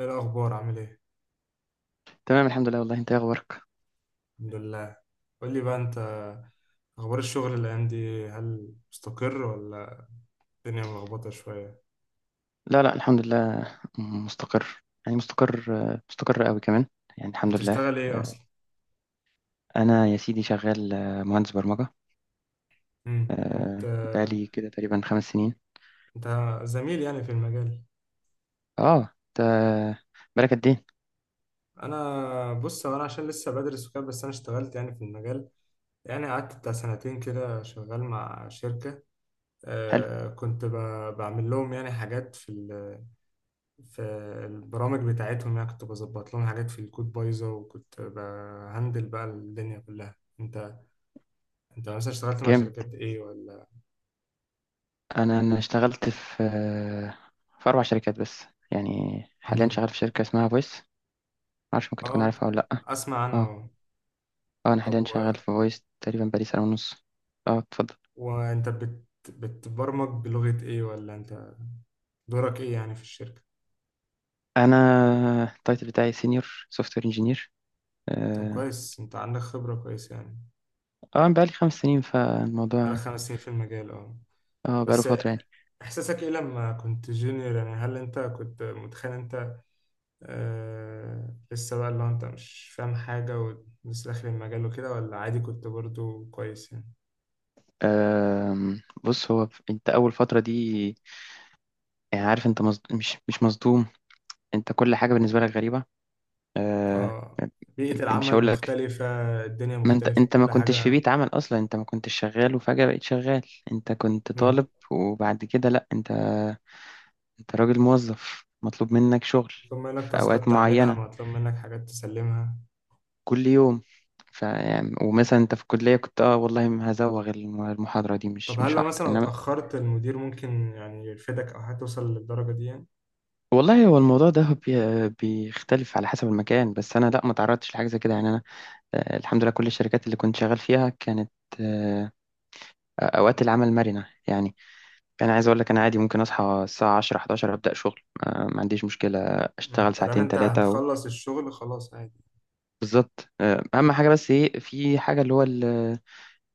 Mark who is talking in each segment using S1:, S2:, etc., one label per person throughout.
S1: ايه الاخبار؟ عامل ايه؟
S2: تمام، الحمد لله. والله انت ايه اخبارك؟
S1: الحمد لله. قول لي بقى انت. اخبار الشغل الايام دي، هل مستقر ولا الدنيا ملخبطه شويه؟
S2: لا لا، الحمد لله. مستقر، يعني مستقر. مستقر قوي كمان، يعني الحمد لله.
S1: هتشتغل ايه اصلا؟
S2: انا يا سيدي شغال مهندس برمجة.
S1: امم وبت...
S2: بقالي كده تقريبا خمس سنين.
S1: انت زميل يعني في المجال؟
S2: اه، انت بالك قد ايه؟
S1: انا بص هو انا عشان لسه بدرس وكده، بس انا اشتغلت يعني في المجال. يعني قعدت بتاع سنتين كده شغال مع شركه.
S2: حلو.
S1: آه كنت ب... بعمل لهم يعني حاجات في البرامج بتاعتهم. يعني كنت بظبط لهم حاجات في الكود بايظة، وكنت بهندل بقى الدنيا كلها. انت مثلا اشتغلت مع
S2: جامد.
S1: شركات ايه ولا؟
S2: انا اشتغلت في في اربع شركات بس، يعني حاليا
S1: امم.
S2: شغال في شركة اسمها فويس. معرفش، ممكن تكون
S1: اه،
S2: عارفها ولا لا.
S1: اسمع عنها
S2: اه.
S1: اهو.
S2: اه، انا
S1: طب
S2: حاليا شغال في
S1: و...
S2: فويس تقريبا بقالي سنة ونص. اه اتفضل.
S1: وانت بتبرمج بلغة ايه، ولا انت دورك ايه يعني في الشركة؟
S2: انا التايتل بتاعي سينيور سوفت وير انجينير.
S1: طب
S2: اه.
S1: كويس، انت عندك خبرة كويس يعني.
S2: بقالي خمس سنين
S1: بقالك
S2: فالموضوع.
S1: 5 سنين في المجال، اه.
S2: اه بقاله
S1: بس
S2: فترة يعني.
S1: احساسك ايه لما كنت جونيور؟ يعني هل انت كنت متخيل انت لسه بقى، اللي هو انت مش فاهم حاجة ولسه داخل المجال وكده، ولا عادي كنت برضو كويس يعني؟
S2: بص، هو انت اول فترة دي، يعني عارف انت مش مصدوم. انت كل حاجة بالنسبة لك غريبة. آه،
S1: اه، بيئة
S2: مش
S1: العمل
S2: هقول لك.
S1: مختلفة. الدنيا
S2: ما انت
S1: مختلفة
S2: ما
S1: كل
S2: كنتش في
S1: حاجة.
S2: بيت عمل اصلا، انت ما كنتش شغال وفجأة بقيت شغال. انت كنت
S1: مم.
S2: طالب وبعد كده لا انت، انت راجل موظف مطلوب منك شغل
S1: مطلوب منك
S2: في اوقات
S1: تاسكات تعملها،
S2: معينة،
S1: مطلوب منك حاجات تسلمها.
S2: كل يوم. يعني، ومثلا انت في الكلية كنت، اه والله ما هزوغ المحاضرة دي،
S1: طب
S2: مش
S1: هل
S2: مش
S1: لو
S2: هحضر،
S1: مثلا لو
S2: انما...
S1: اتأخرت المدير ممكن يعني يرفدك أو هتوصل للدرجة دي يعني؟
S2: والله هو الموضوع ده بيختلف على حسب المكان. بس انا لا، ما تعرضتش لحاجه زي كده يعني. انا الحمد لله، كل الشركات اللي كنت شغال فيها كانت آه، اوقات العمل مرنه يعني. انا عايز اقول لك، انا عادي ممكن اصحى الساعه 10 11 ابدا شغل. ما عنديش مشكله.
S1: مم.
S2: اشتغل
S1: مادام
S2: ساعتين،
S1: انت
S2: ثلاثه و...
S1: هتخلص الشغل خلاص عادي.
S2: بالظبط. اهم حاجه بس ايه، في حاجه اللي هو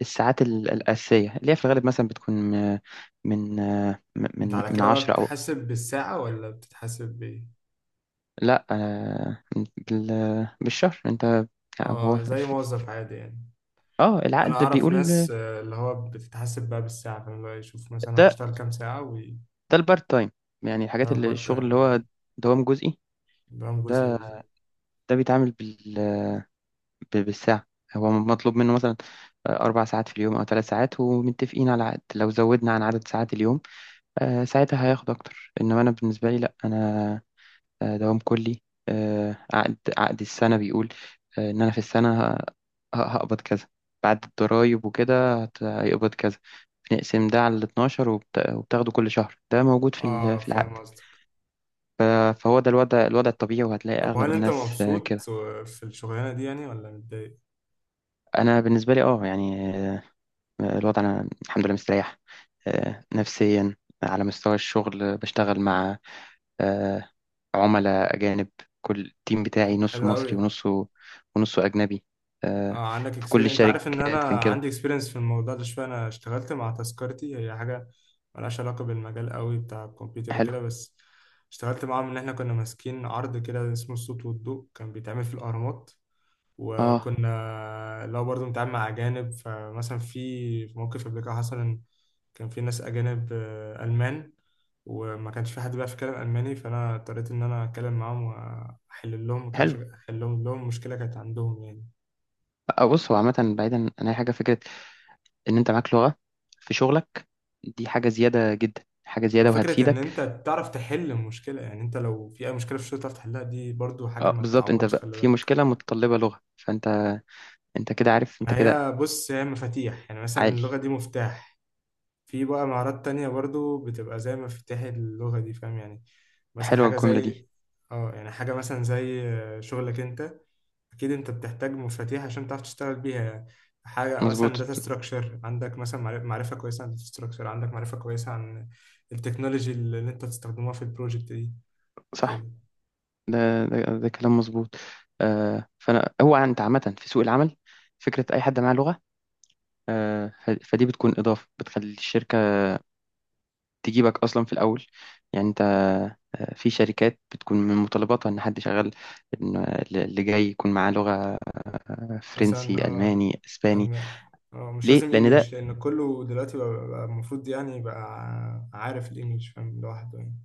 S2: الساعات الاساسيه، اللي هي في الغالب مثلا بتكون من
S1: انت
S2: من
S1: على
S2: من
S1: كده بقى
S2: 10 او...
S1: بتتحاسب بالساعة ولا بتتحاسب بإيه؟
S2: لا. بالشهر انت. هو
S1: اه، زي موظف عادي يعني.
S2: اه
S1: انا
S2: العقد
S1: اعرف
S2: بيقول.
S1: ناس اللي هو بتتحسب بقى بالساعه، فاهم بقى يشوف مثلا هو
S2: ده
S1: اشتغل كام ساعه
S2: ده البارت تايم، يعني
S1: ده
S2: الحاجات اللي
S1: بارت
S2: الشغل
S1: تايم.
S2: اللي هو دوام جزئي.
S1: ده جزئي
S2: ده
S1: بالظبط.
S2: ده بيتعامل بال بالساعة. هو مطلوب منه مثلا أربع ساعات في اليوم أو ثلاث ساعات، ومتفقين على عقد لو زودنا عن عدد ساعات اليوم، ساعتها هياخد أكتر. إنما أنا بالنسبة لي لأ، أنا دوام كلي. عقد السنة بيقول إن أنا في السنة هقبض كذا، بعد الضرايب وكده هيقبض كذا. بنقسم ده على ال 12 وبتاخده كل شهر، ده موجود
S1: اه
S2: في
S1: فاهم
S2: العقد.
S1: قصدك.
S2: ف- فهو ده الوضع، الوضع الطبيعي، وهتلاقي
S1: طب
S2: أغلب
S1: وهل انت
S2: الناس
S1: مبسوط
S2: كده.
S1: في الشغلانه دي يعني ولا متضايق؟
S2: أنا بالنسبة لي أه يعني الوضع، أنا الحمد لله مستريح، نفسيا. على مستوى الشغل بشتغل مع آه، عملاء أجانب. كل التيم بتاعي
S1: طب
S2: نصه
S1: حلو
S2: مصري
S1: قوي.
S2: ونصه... ونصه أجنبي. آه،
S1: اه، عندك
S2: في كل
S1: اكسبيرينس. انت عارف ان انا
S2: الشركات كان كده.
S1: عندي اكسبيرينس في الموضوع ده شويه. انا اشتغلت مع تذكرتي، هي حاجه ملهاش علاقه بالمجال قوي بتاع الكمبيوتر
S2: حلو.
S1: وكده، بس اشتغلت معاهم ان احنا كنا ماسكين عرض كده اسمه الصوت والضوء، كان بيتعمل في الاهرامات.
S2: اه
S1: وكنا لو برضو بنتعامل مع أجانب، فمثلا في موقف قبل كده حصل إن كان في ناس أجانب ألمان، وما كانش في حد بيعرف يتكلم ألماني، فأنا اضطريت إن أنا أتكلم معاهم وأحل لهم،
S2: حلو.
S1: عشان أحل لهم مشكلة كانت عندهم يعني.
S2: بص، هو عامة بعيدا عن أي حاجة، فكرة إن أنت معاك لغة في شغلك دي حاجة زيادة جدا، حاجة زيادة
S1: وفكرة إن
S2: وهتفيدك.
S1: أنت تعرف تحل المشكلة، يعني أنت لو في أي مشكلة في الشغل تعرف تحلها، دي برضو حاجة
S2: اه
S1: ما
S2: بالظبط. أنت
S1: تتعوضش،
S2: بقى
S1: خلي
S2: في
S1: بالك.
S2: مشكلة متطلبة لغة، فأنت، أنت كده عارف، أنت
S1: ما
S2: كده
S1: هي بص هي مفاتيح يعني، مثلا
S2: عالي.
S1: اللغة دي مفتاح. في بقى مهارات تانية برضو بتبقى زي مفاتيح اللغة دي، فاهم يعني. مثلا
S2: حلوة
S1: حاجة
S2: الجملة دي.
S1: زي اه، يعني حاجة مثلا زي شغلك انت، اكيد انت بتحتاج مفاتيح عشان تعرف تشتغل بيها يعني. حاجة مثلا
S2: مظبوط.
S1: داتا ستراكشر، عندك مثلا معرفة كويسة عن داتا ستراكشر، عندك معرفة كويسة عن التكنولوجي اللي انت تستخدمها في البروجكت دي
S2: صح.
S1: كده.
S2: ده ده كلام مظبوط. آه. فأنا، هو أنت عامة في سوق العمل، فكرة أي حد معاه لغة، فدي بتكون إضافة بتخلي الشركة تجيبك أصلا في الأول. يعني أنت في شركات بتكون من متطلباتها إن حد شغال، إن اللي جاي يكون معاه لغة فرنسي،
S1: مثلا اه
S2: ألماني، إسباني.
S1: الم... اه مش
S2: ليه؟
S1: لازم
S2: لأن ده...
S1: انجليش، لان كله دلوقتي بقى المفروض يعني يبقى عارف الانجليش فاهم لوحده يعني.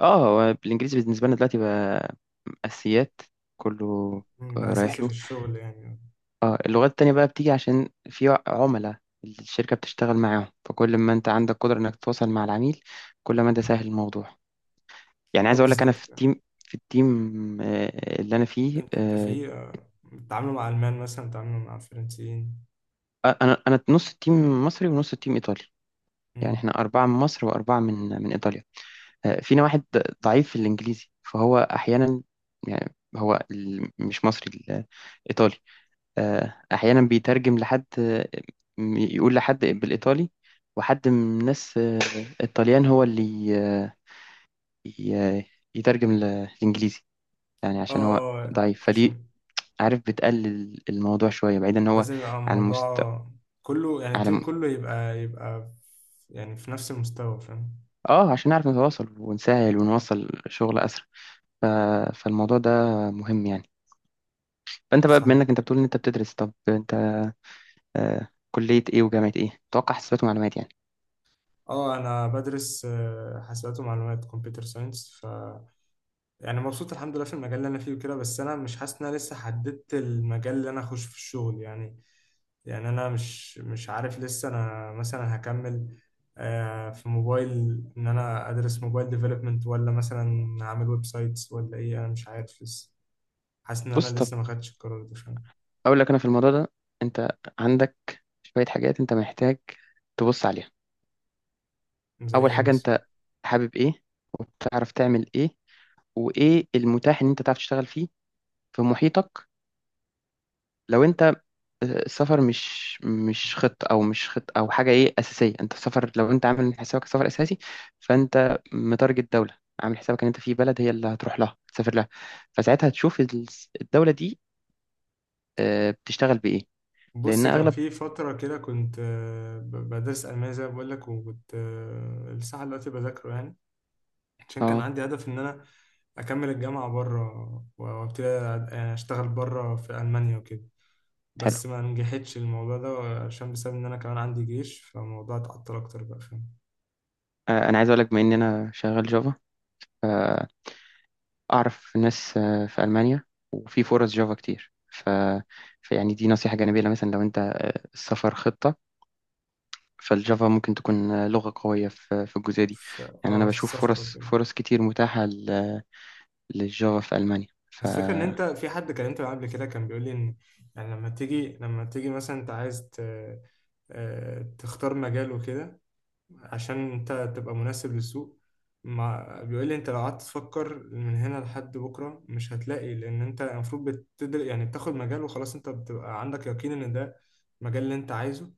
S2: آه هو الإنجليزي بالنسبة لنا دلوقتي بقى أساسيات، كله.
S1: مم، بقى
S2: رايح
S1: اساسي في
S2: له.
S1: الشغل يعني.
S2: آه، اللغات التانية بقى بتيجي عشان في عملاء الشركة بتشتغل معاهم، فكل ما أنت عندك قدرة إنك تتواصل مع العميل، كل ما ده
S1: مم.
S2: سهل الموضوع. يعني
S1: اه
S2: عايز اقول لك، انا
S1: بالظبط
S2: في
S1: كده.
S2: التيم في التيم اللي انا فيه
S1: انت في بتتعاملوا مع المان مثلا، بتتعاملوا مع الفرنسيين.
S2: انا نص التيم مصري ونص التيم ايطالي، يعني
S1: مم.
S2: احنا اربعه من مصر واربعه من... من ايطاليا. فينا واحد ضعيف في الانجليزي، فهو احيانا، يعني هو مش مصري، ايطالي. احيانا بيترجم لحد يقول لحد بالايطالي، وحد من الناس الطليان هو اللي ي- يترجم للانجليزي، يعني
S1: اه
S2: عشان هو ضعيف. فدي،
S1: عشان
S2: عارف، بتقلل الموضوع شوية، بعيدا ان هو
S1: لازم يبقى
S2: على
S1: الموضوع كله يعني،
S2: على
S1: التيم كله يبقى يعني في نفس المستوى فاهم.
S2: اه، عشان نعرف نتواصل ونسهل ونوصل شغل اسرع. ف... فالموضوع ده مهم يعني. فانت بقى بما
S1: صح.
S2: انك انت بتقول ان انت بتدرس، طب انت آه كلية ايه وجامعة ايه؟ اتوقع حسابات ومعلومات يعني.
S1: اه انا بدرس حاسبات ومعلومات، كمبيوتر ساينس. ف يعني مبسوط الحمد لله في المجال اللي انا فيه وكده، بس انا مش حاسس ان انا لسه حددت المجال اللي انا اخش في الشغل يعني. يعني انا مش عارف لسه. انا مثلا هكمل في موبايل، ان انا ادرس موبايل ديفلوبمنت، ولا مثلا هعمل ويب سايتس، ولا ايه؟ انا مش عارف لسه. حاسس ان انا
S2: بص، طب
S1: لسه ما خدتش القرار ده، فاهم.
S2: اقول لك انا في الموضوع ده، انت عندك شوية حاجات انت محتاج تبص عليها.
S1: زي
S2: اول
S1: ايه
S2: حاجة،
S1: مثلا؟
S2: انت حابب ايه وبتعرف تعمل ايه، وايه المتاح ان انت تعرف تشتغل فيه في محيطك. لو انت السفر مش خطة، او مش خطة او حاجه ايه اساسيه، انت السفر، لو انت عامل من حسابك سفر اساسي، فانت متارجت دوله، عامل حسابك ان انت في بلد هي اللي هتروح لها تسافر لها، فساعتها تشوف الدوله دي بتشتغل بايه، لان
S1: بص، كان
S2: اغلب...
S1: في فترة كده كنت بدرس ألمانيا، زي ما بقول لك، وكنت لسه دلوقتي بذاكره يعني. عشان كان
S2: اه
S1: عندي هدف إن أنا أكمل الجامعة بره وأبتدي يعني أشتغل بره في ألمانيا وكده،
S2: حلو.
S1: بس ما نجحتش الموضوع ده، عشان بسبب ان انا كمان عندي جيش، فالموضوع اتعطل اكتر بقى، فاهم.
S2: انا عايز اقول لك، بما ان انا شغال جافا، اعرف ناس في المانيا، وفي فرص جافا كتير. فيعني دي نصيحه جانبيه، لو مثلا لو انت السفر خطه، فالجافا ممكن تكون لغة قوية في الجزئية دي. يعني أنا
S1: اه في
S2: بشوف
S1: السفر
S2: فرص،
S1: وكده.
S2: فرص كتير متاحة للجافا في ألمانيا.
S1: بس فكرة ان انت في حد كلمته معاه قبل كده، كان بيقول لي ان يعني لما تيجي مثلا انت عايز تختار مجال وكده، عشان انت تبقى مناسب للسوق. ما بيقول لي انت لو قعدت تفكر من هنا لحد بكره مش هتلاقي، لان انت المفروض بتدر يعني بتاخد مجال وخلاص، انت بتبقى عندك يقين ان ده المجال اللي انت عايزه.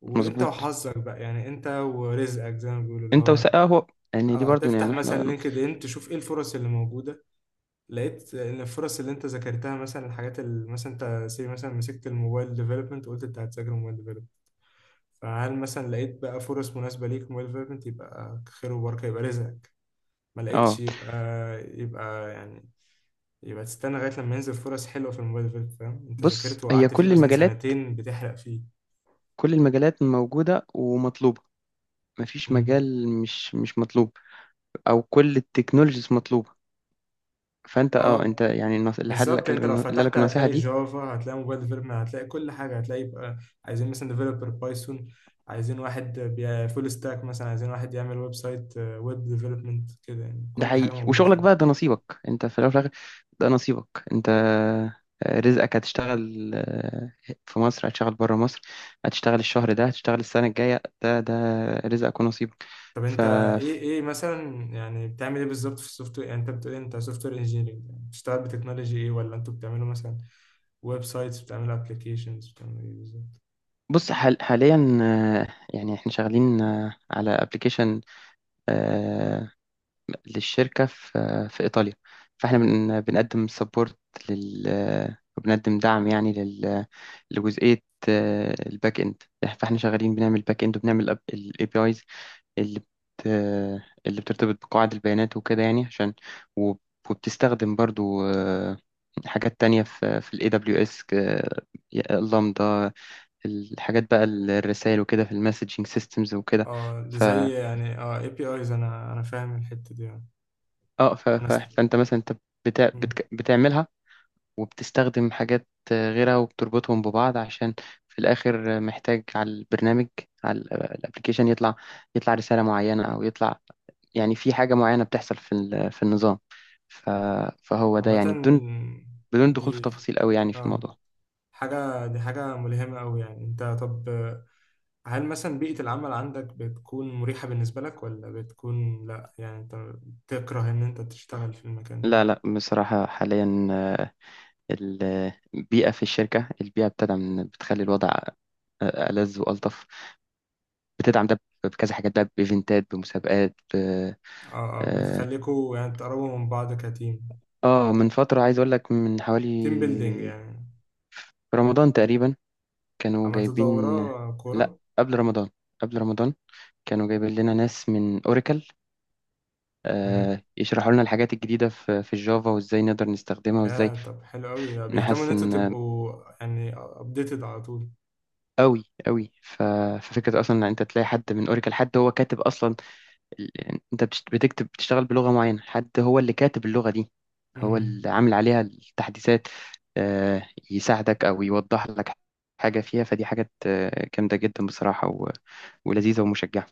S1: وانت
S2: فمظبوط.
S1: وحظك بقى يعني، انت ورزقك زي ما بيقولوا اللي
S2: أنت
S1: هو،
S2: آه، هو يعني دي
S1: اه،
S2: برضو
S1: هتفتح
S2: يعني
S1: مثلا
S2: إحنا...
S1: لينكد ان تشوف ايه الفرص اللي موجوده. لقيت ان الفرص اللي انت ذاكرتها مثلا، الحاجات اللي مثلا انت سي مثلا، مسكت الموبايل ديفلوبمنت وقلت انت هتذاكر موبايل ديفلوبمنت، فهل مثلا لقيت بقى فرص مناسبه ليك موبايل ديفلوبمنت؟ يبقى خير وبركه، يبقى رزقك. ما لقيتش،
S2: آه
S1: يبقى يبقى يعني، يبقى تستنى لغايه لما ينزل فرص حلوه في الموبايل ديفلوبمنت، فاهم. انت
S2: بص،
S1: ذاكرت
S2: هي
S1: وقعدت فيه
S2: كل
S1: مثلا
S2: المجالات،
S1: سنتين بتحرق فيه.
S2: كل المجالات موجودة ومطلوبة، مفيش
S1: مم.
S2: مجال مش مطلوب. أو كل التكنولوجيز مطلوبة. فأنت آه أنت
S1: اه
S2: يعني، اللي حد
S1: بالظبط،
S2: لك،
S1: انت لو
S2: اللي قال
S1: فتحت
S2: لك النصيحة
S1: هتلاقي
S2: دي،
S1: جافا، هتلاقي موبايل ديفلوبمنت، هتلاقي كل حاجه، هتلاقي بقى عايزين مثلا ديفلوبر بايثون، عايزين واحد فول ستاك مثلا، عايزين واحد يعمل ويب سايت، ويب ديفلوبمنت كده، يعني
S2: ده
S1: كل حاجه
S2: حقيقي.
S1: موجوده
S2: وشغلك
S1: فعلا.
S2: بقى ده نصيبك انت، في الاول وفي الاخر. ده نصيبك انت، رزقك. هتشتغل في مصر، هتشتغل بره مصر، هتشتغل الشهر ده، هتشتغل السنة الجاية، ده رزقك ونصيبك.
S1: طب
S2: ف
S1: انت ايه، مثلا يعني بتعمل ايه بالظبط في السوفت وير؟ يعني انت بتقول إيه؟ انت سوفت وير انجينيرنج، بتشتغل بتكنولوجي ايه، ولا انتوا بتعملوا مثلا ويب سايتس، بتعملوا ابلكيشنز، بتعملوا ايه بالظبط؟
S2: بص، حاليا يعني احنا شغالين على ابلكيشن للشركة في إيطاليا، فإحنا بنقدم سبورت لل... وبنقدم دعم يعني لل... لجزئية الباك إند. فإحنا شغالين بنعمل باك إند، وبنعمل ال APIs اللي اللي بترتبط بقواعد البيانات وكده، يعني عشان... وب- وبتستخدم برضو حاجات تانية في ال AWS، اللامدا، الحاجات بقى الرسائل وكده في المسجنج سيستمز وكده.
S1: اه، ده
S2: ف
S1: زي يعني اه اي بي ايز، انا فاهم الحته دي اه.
S2: اه
S1: انا است...
S2: فانت مثلا انت بتعملها، وبتستخدم حاجات غيرها وبتربطهم ببعض، عشان في الآخر محتاج على البرنامج، على الابلكيشن، يطلع، يطلع رسالة معينة أو يطلع، يعني في حاجة معينة بتحصل في النظام. ف- فهو ده
S1: عامة
S2: يعني بدون، بدون دخول في
S1: دي
S2: تفاصيل قوي يعني في
S1: اه
S2: الموضوع.
S1: حاجة، دي حاجة ملهمة أوي يعني. أنت طب هل مثلا بيئة العمل عندك بتكون مريحة بالنسبة لك، ولا بتكون لأ يعني، أنت تكره إن أنت تشتغل في المكان ده؟
S2: لا لا، بصراحة حاليا البيئة في الشركة، البيئة بتدعم، بتخلي الوضع ألذ وألطف. بتدعم ده بكذا حاجات بقى، بإيفنتات، بمسابقات،
S1: اه، اه، بتخليكوا يعني تقربوا من بعض كتيم،
S2: اه من فترة عايز اقول لك، من
S1: تيم بيلدينج
S2: حوالي
S1: يعني.
S2: رمضان تقريبا كانوا
S1: عملت
S2: جايبين...
S1: دورة
S2: لا
S1: كورة.
S2: قبل رمضان، قبل رمضان كانوا جايبين لنا ناس من اوراكل
S1: مهم.
S2: آه يشرحوا لنا الحاجات الجديدة في الجافا، وازاي نقدر نستخدمها، وازاي
S1: يا طب، حلو أوي بيهتموا إن أنتوا
S2: نحسن
S1: تبقوا يعني أبديتد على طول.
S2: قوي قوي. ففكرة اصلا ان انت تلاقي حد من اوراكل، حد هو كاتب اصلا، يعني انت بتكتب، بتشتغل بلغة معينة، حد هو اللي كاتب اللغة دي، هو
S1: مم.
S2: اللي عامل عليها التحديثات، آه، يساعدك او يوضح لك حاجة فيها. فدي حاجات جامدة جدا بصراحة، ولذيذة ومشجعة.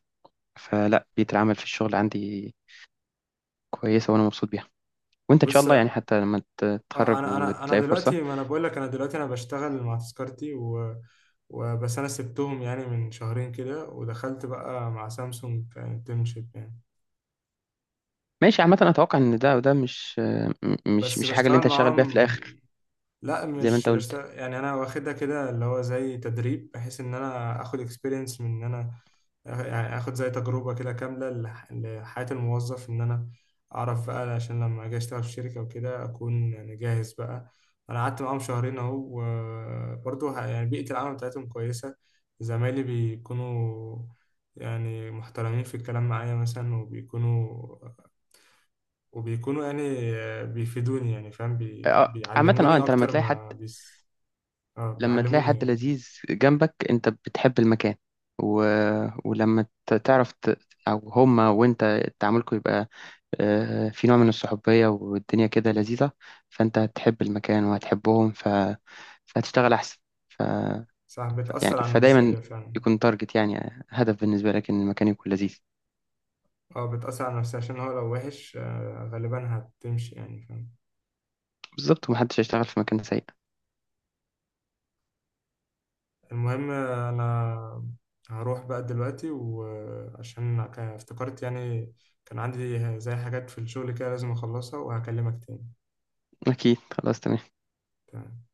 S2: فلا، بيئة العمل في الشغل عندي كويسة، وانا مبسوط بيها. وانت ان شاء
S1: بص،
S2: الله يعني، حتى لما
S1: اه
S2: تتخرج
S1: انا
S2: وتلاقي فرصة.
S1: دلوقتي، ما انا بقول لك، انا دلوقتي انا بشتغل مع تذكرتي وبس انا سبتهم يعني من شهرين كده، ودخلت بقى مع سامسونج كانترنشيب يعني،
S2: ماشي. عامة انا اتوقع ان ده، وده مش مش
S1: بس
S2: مش الحاجة اللي
S1: بشتغل
S2: انت هتشتغل بيها في
S1: معاهم.
S2: الاخر.
S1: لا
S2: زي ما
S1: مش
S2: انت
S1: مش
S2: قلت.
S1: يعني انا واخدها كده اللي هو زي تدريب، بحيث ان انا اخد اكسبيرينس من ان انا يعني اخد زي تجربة كده كاملة لحياة الموظف، ان انا اعرف بقى عشان لما اجي اشتغل في شركة وكده اكون يعني جاهز بقى. انا قعدت معاهم شهرين اهو، وبرضه يعني بيئة العمل بتاعتهم كويسة. زمايلي بيكونوا يعني محترمين في الكلام معايا مثلا، وبيكونوا يعني بيفيدوني، يعني فاهم،
S2: عامة، اه
S1: بيعلموني
S2: انت لما
S1: اكتر
S2: تلاقي حد،
S1: ما اه
S2: لما تلاقي
S1: بيعلموني
S2: حد
S1: يعني.
S2: لذيذ جنبك انت بتحب المكان. و... ولما تعرف او هما وانت تعاملكم، يبقى في نوع من الصحوبية، والدنيا كده لذيذة. فانت هتحب المكان وهتحبهم، فهتشتغل احسن. ف...
S1: صح،
S2: يعني
S1: بتأثر على
S2: فدايما
S1: النفسية فعلا.
S2: يكون تارجت، يعني هدف بالنسبة لك ان المكان يكون لذيذ.
S1: اه بتأثر على النفسية، عشان هو لو وحش غالبا هتمشي يعني فاهم.
S2: بالظبط، ومحدش هيشتغل في مكان سيء.
S1: المهم انا هروح بقى دلوقتي، وعشان افتكرت يعني كان عندي زي حاجات في الشغل كده لازم اخلصها، وهكلمك تاني.
S2: اكيد خلاص تمام.
S1: تمام.